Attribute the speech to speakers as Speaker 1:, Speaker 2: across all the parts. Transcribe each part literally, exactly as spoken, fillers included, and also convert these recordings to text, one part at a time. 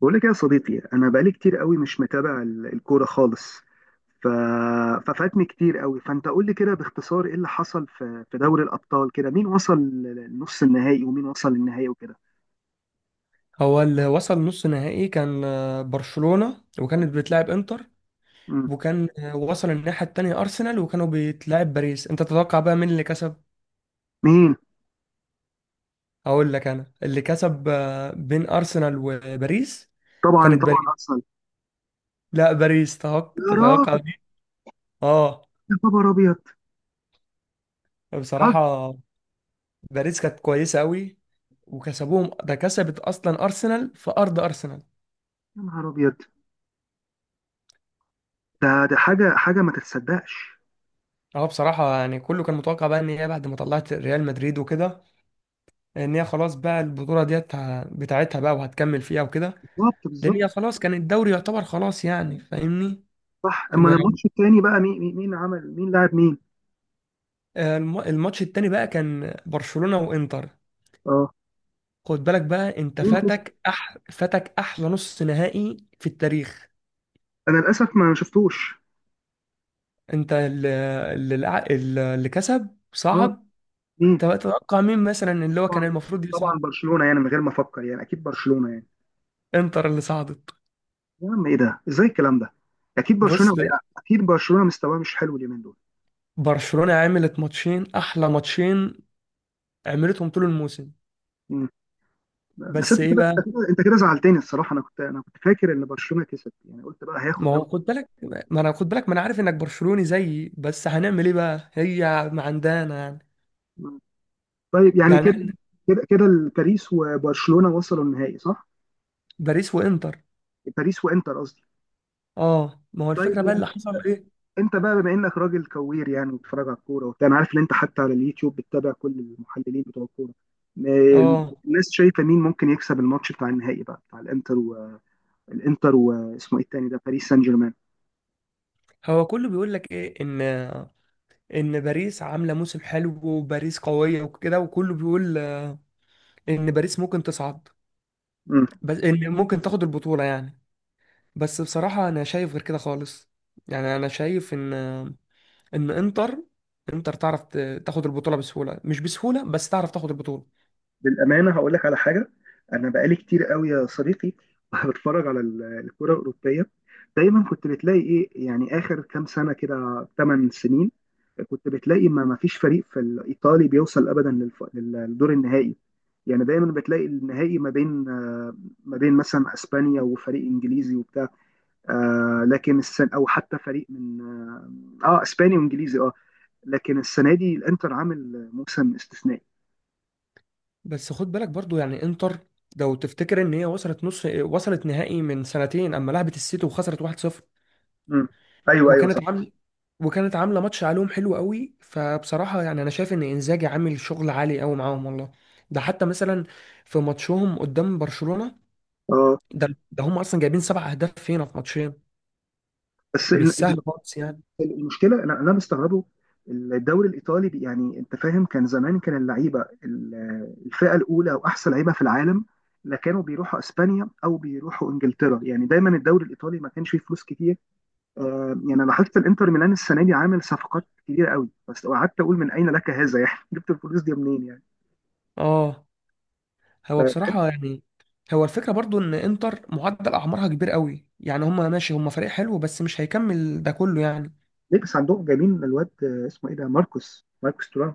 Speaker 1: بقول لك إيه يا صديقي، انا بقالي كتير قوي مش متابع ال- الكوره خالص. ف... ففاتني كتير قوي. فانت قول لي كده باختصار ايه اللي حصل في في دوري الابطال كده. مين وصل لنص النهائي ومين وصل للنهائي وكده.
Speaker 2: هو اللي وصل نص نهائي كان آه، برشلونة وكانت بتلعب انتر،
Speaker 1: مم.
Speaker 2: وكان آه، وصل الناحية التانية أرسنال وكانوا بيتلعب باريس. أنت تتوقع بقى مين اللي كسب؟
Speaker 1: مين؟
Speaker 2: هقول لك أنا اللي كسب آه، بين أرسنال وباريس
Speaker 1: طبعا
Speaker 2: كانت
Speaker 1: طبعا
Speaker 2: باريس.
Speaker 1: ارسنال.
Speaker 2: لا، باريس، تتوقع
Speaker 1: يا
Speaker 2: تتوقع
Speaker 1: راجل،
Speaker 2: دي. اه،
Speaker 1: يا خبر ابيض. بتهزر؟
Speaker 2: بصراحة باريس كانت كويسة أوي وكسبوهم. ده كسبت أصلا أرسنال في أرض أرسنال.
Speaker 1: يا نهار ابيض. ده ده حاجه حاجه ما تتصدقش.
Speaker 2: اه، بصراحة يعني كله كان متوقع بقى إن هي بعد ما طلعت ريال مدريد وكده، ان هي خلاص بقى البطوله ديت ه- بتاعتها بقى وهتكمل فيها وكده.
Speaker 1: بالظبط
Speaker 2: لان
Speaker 1: بالظبط.
Speaker 2: هي خلاص كان الدوري يعتبر خلاص يعني، فاهمني؟
Speaker 1: صح. اما
Speaker 2: ما-
Speaker 1: الماتش التاني بقى، مين مين مين عمل، مين لاعب مين؟
Speaker 2: الم- الماتش التاني بقى كان برشلونه وانتر.
Speaker 1: اه
Speaker 2: خد بالك بقى، انت
Speaker 1: مين كسب؟
Speaker 2: فاتك أح... فاتك احلى نص نهائي في التاريخ.
Speaker 1: انا للاسف ما شفتوش.
Speaker 2: انت اللي, اللي, اللي كسب
Speaker 1: اه
Speaker 2: صعد.
Speaker 1: مين؟
Speaker 2: تبقى تتوقع مين مثلا اللي هو كان
Speaker 1: طبعا
Speaker 2: المفروض
Speaker 1: طبعا
Speaker 2: يصعد؟
Speaker 1: برشلونه يعني، من غير ما افكر، يعني اكيد برشلونه يعني.
Speaker 2: انتر اللي صعدت.
Speaker 1: يا عم ايه ده، ازاي الكلام ده؟ اكيد برشلونه
Speaker 2: بص،
Speaker 1: وقع، اكيد برشلونه مستواه مش حلو اليومين دول.
Speaker 2: برشلونه عملت ماتشين، احلى ماتشين عملتهم طول الموسم.
Speaker 1: مم. بس انت
Speaker 2: بس ايه
Speaker 1: كده انت
Speaker 2: بقى؟
Speaker 1: كده انت كده زعلتني الصراحه. انا كنت انا كنت فاكر ان برشلونه كسب، يعني قلت بقى هياخد
Speaker 2: ما هو
Speaker 1: دوري.
Speaker 2: خد بالك، ما انا خد بالك، ما انا عارف انك برشلوني زيي، بس هنعمل ايه بقى؟ هي ما عندنا يعني.
Speaker 1: مم. طيب يعني
Speaker 2: يعني
Speaker 1: كده
Speaker 2: إحنا،
Speaker 1: كده كده، باريس وبرشلونه وصلوا النهائي صح؟
Speaker 2: باريس وانتر.
Speaker 1: باريس وانتر قصدي.
Speaker 2: اه، ما هو
Speaker 1: طيب
Speaker 2: الفكره بقى
Speaker 1: يعني،
Speaker 2: اللي حصل ايه.
Speaker 1: انت بقى بما انك راجل كوير يعني، وبتتفرج على الكوره وبتاع، انا عارف ان انت حتى على اليوتيوب بتتابع كل المحللين بتوع الكوره. م-
Speaker 2: اه،
Speaker 1: الناس شايفه مين ممكن يكسب الماتش بتاع النهائي بقى، بتاع الانتر والانتر، واسمه ايه التاني ده، باريس سان جيرمان؟
Speaker 2: هو كله بيقول لك ايه، ان ان باريس عامله موسم حلو وباريس قويه وكده، وكله بيقول ان باريس ممكن تصعد، بس ان ممكن تاخد البطوله يعني. بس بصراحه انا شايف غير كده خالص. يعني انا شايف ان ان انتر انتر تعرف ت- تاخد البطوله بسهوله، مش بسهوله، بس تعرف تاخد البطوله.
Speaker 1: بالامانه هقول لك على حاجه. انا بقالي كتير قوي يا صديقي بتفرج على ال- الكره الاوروبيه. دايما كنت بتلاقي ايه، يعني اخر كام سنه كده، تمن سنين كنت بتلاقي ما ما فيش فريق في الايطالي بيوصل ابدا للف- للدور النهائي. يعني دايما بتلاقي النهائي ما بين آه، ما بين مثلا اسبانيا وفريق انجليزي وبتاع، آه، لكن السنه، او حتى فريق من، اه آه، اسباني وانجليزي اه. لكن السنه دي الانتر عامل موسم استثنائي.
Speaker 2: بس خد بالك برضو يعني، انتر لو تفتكر ان هي وصلت نص، وصلت نهائي من سنتين اما لعبت السيتي وخسرت واحد صفر.
Speaker 1: مم. ايوه ايوه.
Speaker 2: وكانت عامله وكانت عامله ماتش عليهم حلو قوي. فبصراحه يعني انا شايف ان انزاجي عامل شغل عالي قوي معاهم والله. ده حتى مثلا في ماتشهم قدام برشلونه،
Speaker 1: صح.
Speaker 2: ده ده هم اصلا جايبين سبع اهداف فينا في ماتشين.
Speaker 1: بس
Speaker 2: مش
Speaker 1: ال-
Speaker 2: سهل خالص يعني.
Speaker 1: ال- المشكله انا اللي أنا مستغربه. الدوري الايطالي بي- يعني انت فاهم، كان زمان كان اللعيبه ال- الفئه الاولى واحسن لعيبه في العالم. لا، كانوا بيروحوا اسبانيا او بيروحوا انجلترا. يعني دايما الدوري الايطالي ما كانش فيه فلوس كتير. آه، يعني انا لاحظت الانتر ميلان السنه دي عامل صفقات كبيره قوي، بس قعدت اقول من اين لك هذا يعني جبت الفلوس دي منين يعني.
Speaker 2: اه، هو
Speaker 1: ف-
Speaker 2: بصراحه يعني، هو الفكره برضو ان انتر معدل اعمارها كبير قوي. يعني هم ماشي، هم فريق حلو بس مش هيكمل ده كله يعني.
Speaker 1: ليه بس عندهم جايبين الواد آه، اسمه ايه ده، ماركوس ماركوس تورام.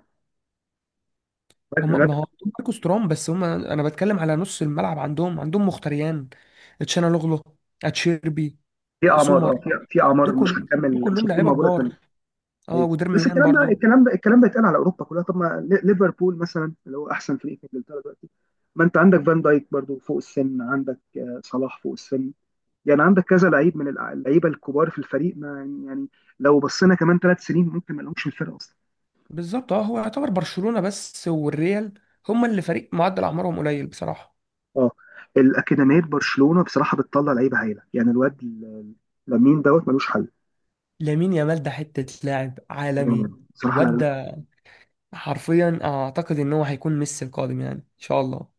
Speaker 1: الواد-
Speaker 2: هم
Speaker 1: الواد
Speaker 2: ما هو عندهم ماركوس تورام، بس هم انا بتكلم على نص الملعب، عندهم عندهم مختريان، تشانالوغلو، اتشيربي،
Speaker 1: في اعمار، اه
Speaker 2: سومر.
Speaker 1: في في
Speaker 2: دول
Speaker 1: اعمار مش
Speaker 2: كل دول
Speaker 1: هتكمل، مش
Speaker 2: كلهم
Speaker 1: هتكون
Speaker 2: لعيبه
Speaker 1: موجوده.
Speaker 2: كبار. اه،
Speaker 1: ايوه. بس
Speaker 2: ودرميان
Speaker 1: الكلام ده
Speaker 2: برضو.
Speaker 1: الكلام ده الكلام ده يتقال على اوروبا كلها. طب ما لي- ليفربول مثلا، اللي هو احسن فريق في انجلترا دلوقتي، ما انت عندك فان دايك برضو فوق السن، عندك آه، صلاح فوق السن. يعني عندك كذا لعيب من الع- اللعيبه الكبار في الفريق، ما يعني يعني لو بصينا كمان ثلاث سنين ممكن ما لهمش في الفرقه اصلا.
Speaker 2: بالظبط. اه، هو يعتبر برشلونه بس والريال هم اللي فريق معدل اعمارهم قليل بصراحه.
Speaker 1: اه. الاكاديميه برشلونه بصراحه بتطلع لعيبه هايله، يعني الواد ال- لامين دوت ملوش حل.
Speaker 2: لامين يامال ده حته لاعب
Speaker 1: آه،
Speaker 2: عالمي.
Speaker 1: بصراحه.
Speaker 2: الواد ده حرفيا اعتقد ان هو هيكون ميسي القادم يعني، ان شاء الله.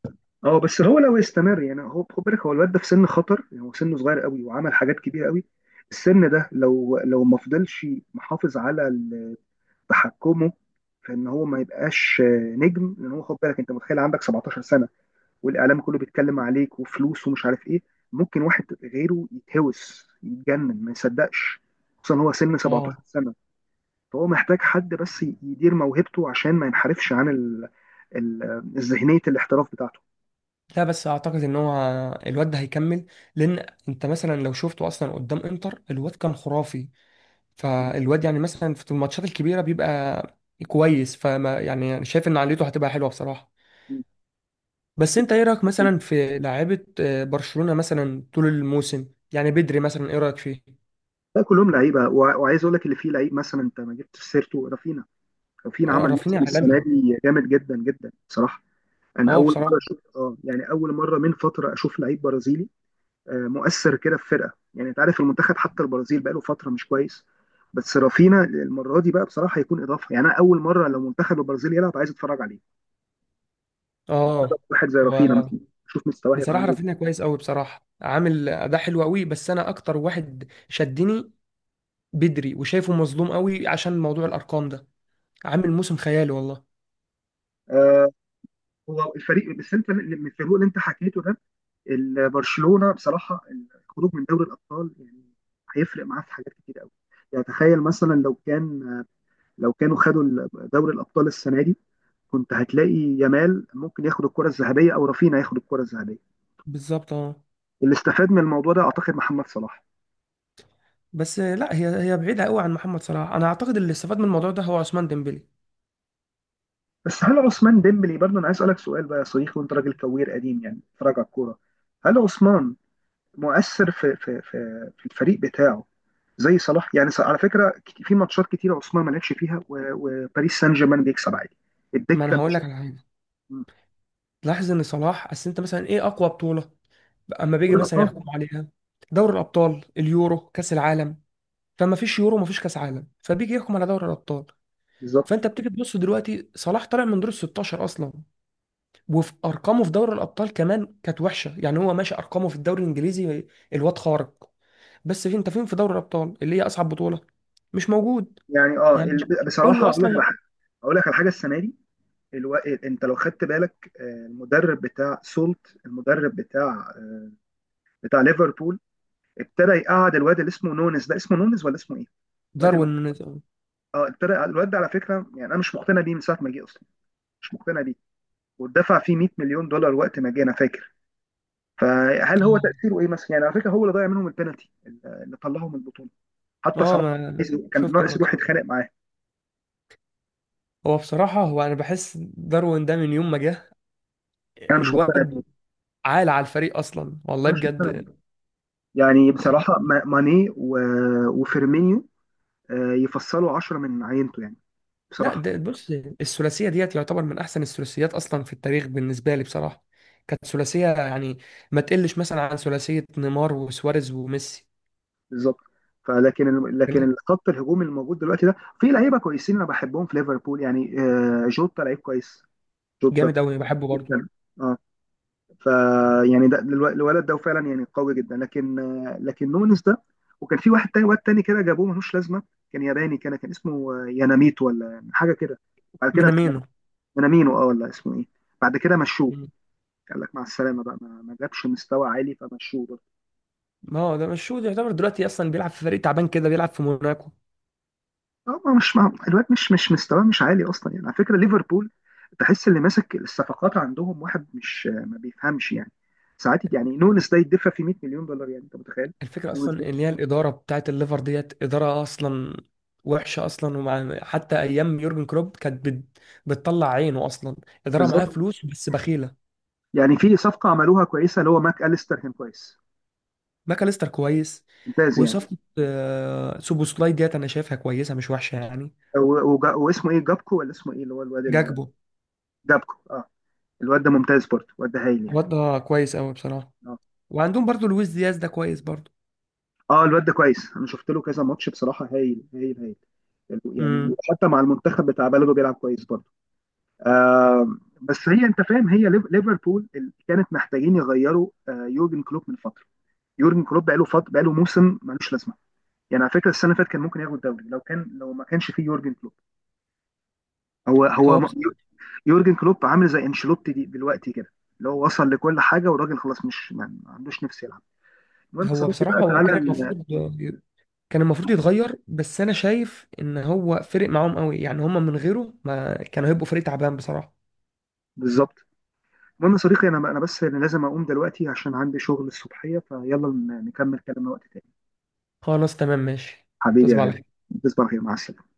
Speaker 1: اه بس هو لو استمر، يعني هو خد بالك هو الواد ده في سن خطر، يعني هو سنه صغير قوي وعمل حاجات كبيره قوي. السن ده لو لو ما فضلش محافظ على ال- تحكمه في ان هو ما يبقاش آه، نجم. لان هو خد بالك انت متخيل عندك سبعتاشر سنه والاعلام كله بيتكلم عليك وفلوس ومش عارف ايه، ممكن واحد غيره يتهوس يتجنن ما يصدقش. خصوصا هو سن سبعتاشر
Speaker 2: اه،
Speaker 1: سنه. فهو محتاج حد بس يدير موهبته عشان ما ينحرفش عن ال... ال... ذهنيه الاحتراف بتاعته.
Speaker 2: لا بس اعتقد ان هو الواد ده هيكمل. لان انت مثلا لو شفته اصلا قدام انتر الواد كان خرافي. فالواد يعني مثلا في الماتشات الكبيره بيبقى كويس، فما يعني شايف ان عقليته هتبقى حلوه بصراحه. بس انت ايه رايك مثلا في لاعيبه آه، برشلونه مثلا طول الموسم؟ يعني بدري مثلا، ايه رايك فيه؟
Speaker 1: لا، كلهم لعيبه. وع- وعايز اقول لك اللي فيه لعيب مثلا، انت ما جبتش سيرته، رافينا. رافينا
Speaker 2: آه،
Speaker 1: عمل
Speaker 2: رافينيا
Speaker 1: موسم السنه
Speaker 2: عالمي.
Speaker 1: دي جامد جدا جدا بصراحه. انا
Speaker 2: اه،
Speaker 1: اول مره
Speaker 2: بصراحه.
Speaker 1: اشوف، اه يعني اول مره من فتره اشوف لعيب برازيلي آه، مؤثر كده في فرقه. يعني انت عارف المنتخب حتى البرازيل بقاله فتره مش كويس. بس رافينا المره دي بقى بصراحه هيكون اضافه. يعني انا اول مره لو منتخب البرازيل يلعب عايز اتفرج عليه،
Speaker 2: اه،
Speaker 1: واحد زي رافينا
Speaker 2: هو
Speaker 1: مثلا. شوف مستواه هيبقى
Speaker 2: بصراحه
Speaker 1: عامل
Speaker 2: رافينيا
Speaker 1: ايه.
Speaker 2: كويس قوي، بصراحه عامل اداء حلو قوي، بس انا اكتر واحد شدني بدري، وشايفه مظلوم قوي عشان موضوع الارقام ده. عامل موسم خيالي والله.
Speaker 1: آه، هو الفريق، بس انت الفريق اللي انت حكيته ده، ال- برشلونه بصراحه، الخروج من دوري الابطال يعني هيفرق معاه في حاجات كتير قوي. يعني تخيل مثلا لو كان، لو كانوا خدوا ال- دوري الابطال السنه دي، كنت هتلاقي يامال ممكن ياخد الكره الذهبيه او رافينا ياخد الكره الذهبيه.
Speaker 2: بالظبط. اه،
Speaker 1: اللي استفاد من الموضوع ده اعتقد محمد صلاح.
Speaker 2: بس لا، هي هي بعيده قوي عن محمد صلاح. انا اعتقد اللي استفاد من الموضوع ده هو عثمان ديمبلي.
Speaker 1: بس هل عثمان ديمبلي برضه، انا عايز اسالك سؤال بقى يا صديقي، وانت راجل كوير قديم يعني بتتفرج على الكوره، هل عثمان مؤثر في في في في الفريق بتاعه زي صلاح يعني؟ ص- على فكره، كت- في ماتشات كتيره عثمان ما لعبش فيها و- وباريس سان جيرمان بيكسب عادي.
Speaker 2: ما
Speaker 1: الدكه
Speaker 2: انا هقول
Speaker 1: مش.
Speaker 2: لك على حاجه.
Speaker 1: م.
Speaker 2: تلاحظ ان صلاح، اصل انت مثلا ايه اقوى بطوله اما بيجي
Speaker 1: دوري
Speaker 2: مثلا
Speaker 1: الابطال.
Speaker 2: يحكموا عليها؟ دوري الابطال، اليورو، كاس العالم. فما فيش يورو، ما فيش كاس عالم، فبيجي يحكم على دوري الابطال.
Speaker 1: بالظبط.
Speaker 2: فانت بتيجي تبص دلوقتي صلاح طالع من دور ال ستاشر اصلا. وفي ارقامه في دوري الابطال كمان كانت وحشه يعني. هو ماشي ارقامه في الدوري الانجليزي، الواد خارق، بس فين انت، فين في دوري الابطال اللي هي اصعب بطوله؟ مش موجود
Speaker 1: يعني اه
Speaker 2: يعني.
Speaker 1: ال-
Speaker 2: كله
Speaker 1: بصراحه اقول لك على
Speaker 2: اصلا.
Speaker 1: حاجه. اقول لك على حاجه، السنه دي الو... انت لو خدت بالك، آه، المدرب بتاع سولت، المدرب بتاع آه، بتاع ليفربول، ابتدى يقعد الواد اللي اسمه نونز ده، اسمه نونز ولا اسمه ايه؟ الواد الم...
Speaker 2: داروين نونيز، اه.
Speaker 1: اه ابتدى يقعد، الواد ده على فكره يعني انا مش مقتنع بيه من ساعه ما جه اصلا، مش مقتنع بيه. واتدفع فيه مية مليون دولار وقت ما جه انا فاكر. فهل هو تأثيره ايه مثلا؟ يعني على فكرة هو اللي ضيع منهم البنالتي اللي طلعهم من البطولة. حتى
Speaker 2: آه،
Speaker 1: صلاح
Speaker 2: ما
Speaker 1: كان
Speaker 2: شفت
Speaker 1: ناقص
Speaker 2: الماتش.
Speaker 1: يروح يتخانق معاه.
Speaker 2: هو بصراحه، هو انا بحس داروين ده من يوم ما جه
Speaker 1: انا مش مقتنع
Speaker 2: الواد
Speaker 1: بيه.
Speaker 2: عال على الفريق اصلا والله
Speaker 1: انا مش مقتنع
Speaker 2: بجد.
Speaker 1: بيه. يعني بصراحة ما- ماني و- وفيرمينيو آه، يفصلوا عشرة من عينته يعني،
Speaker 2: لا،
Speaker 1: بصراحة.
Speaker 2: ده بص، الثلاثيه ديت يعتبر من احسن الثلاثيات اصلا في التاريخ بالنسبه لي بصراحه. كانت ثلاثيه يعني ما تقلش مثلا عن ثلاثيه نيمار وسواريز وميسي.
Speaker 1: بالظبط. فلكن لكن
Speaker 2: كان
Speaker 1: الخط الهجومي الموجود دلوقتي ده في لعيبة كويسين انا بحبهم في ليفربول. يعني آه، جوتا لعيب كويس. جوتا
Speaker 2: جامد قوي، بحبه برضه.
Speaker 1: اه. فيعني ده الو- الولد ده فعلا يعني قوي جدا. لكن آه، لكن نونس ده، وكان في واحد تاني، واد تاني كده جابوه ملوش لازمه، كان ياباني، كان كان اسمه آه، ياناميت ولا حاجه كده. بعد كده.
Speaker 2: مينامينو،
Speaker 1: يانامينو اه، ولا اسمه ايه. بعد كده مشوه، قال لك مع السلامه بقى، ما, ما جابش مستوى عالي فمشوه برضه.
Speaker 2: ما هو ده مش شوت يعتبر، دلوقتي اصلا بيلعب في فريق تعبان كده، بيلعب في موناكو.
Speaker 1: اه ما مش ما الواد مش، مش مستواه مش عالي اصلا يعني. على فكره ليفربول تحس اللي ماسك الصفقات عندهم واحد مش، آه، ما بيفهمش يعني ساعات. يعني نونس ده يدفع في مية مليون دولار، يعني انت متخيل؟
Speaker 2: الفكره
Speaker 1: نونس ده.
Speaker 2: اصلا ان هي الاداره بتاعت الليفر ديت اداره اصلا وحشه اصلا. ومع حتى ايام يورجن كلوب كانت بت... بتطلع عينه اصلا. اداره معاها
Speaker 1: بالظبط.
Speaker 2: فلوس بس بخيله.
Speaker 1: يعني في صفقه عملوها كويسه، اللي هو ماك أليستر كان كويس.
Speaker 2: ماكاليستر كويس.
Speaker 1: ممتاز يعني.
Speaker 2: وصفقه آه، سوبوسلاي ديت انا شايفها كويسه مش وحشه يعني.
Speaker 1: و- وجا- واسمه ايه، جابكو ولا اسمه ايه، اللي هو الواد ال-
Speaker 2: جاكبو،
Speaker 1: جابكو اه. الواد ده ممتاز برضه، الواد ده هايل يعني.
Speaker 2: الواد ده كويس قوي بصراحه.
Speaker 1: اه.
Speaker 2: وعندهم برضو لويس دياز ده كويس برضو.
Speaker 1: اه الواد ده كويس، انا شفت له كذا ماتش بصراحه، هايل هايل هايل. يعني
Speaker 2: امم.
Speaker 1: حتى مع المنتخب بتاع بلده بيلعب كويس برضه. بس هي انت فاهم هي ليف- ليفربول اللي كانت محتاجين يغيروا آه، يورجن كلوب من فتره. يورجن كلوب بقاله فط... بقاله موسم ملوش لازمه. يعني على فكره السنه اللي فاتت كان ممكن ياخد الدوري لو كان، لو ما كانش فيه يورجن كلوب. هو هو
Speaker 2: هو بص...
Speaker 1: يورجن كلوب عامل زي انشيلوتي دي دلوقتي كده، اللي هو وصل لكل حاجه والراجل خلاص مش، ما ما عندوش نفس يلعب. المهم يا
Speaker 2: هو
Speaker 1: صديقي
Speaker 2: بصراحه،
Speaker 1: بقى،
Speaker 2: هو
Speaker 1: تعالى
Speaker 2: كان
Speaker 1: ال-
Speaker 2: المفروض كان المفروض يتغير. بس انا شايف ان هو فرق معاهم قوي، يعني هم من غيره ما كانوا هيبقوا فريق تعبان بصراحة.
Speaker 1: بالظبط. المهم يا صديقي، انا انا بس أنا لازم اقوم دلوقتي عشان عندي شغل الصبحيه. فيلا ن- نكمل كلامنا وقت تاني.
Speaker 2: خلاص، تمام، ماشي.
Speaker 1: حبيبي يا
Speaker 2: تصبح على
Speaker 1: غالي.
Speaker 2: خير.
Speaker 1: تصبح على خير مع السلامه.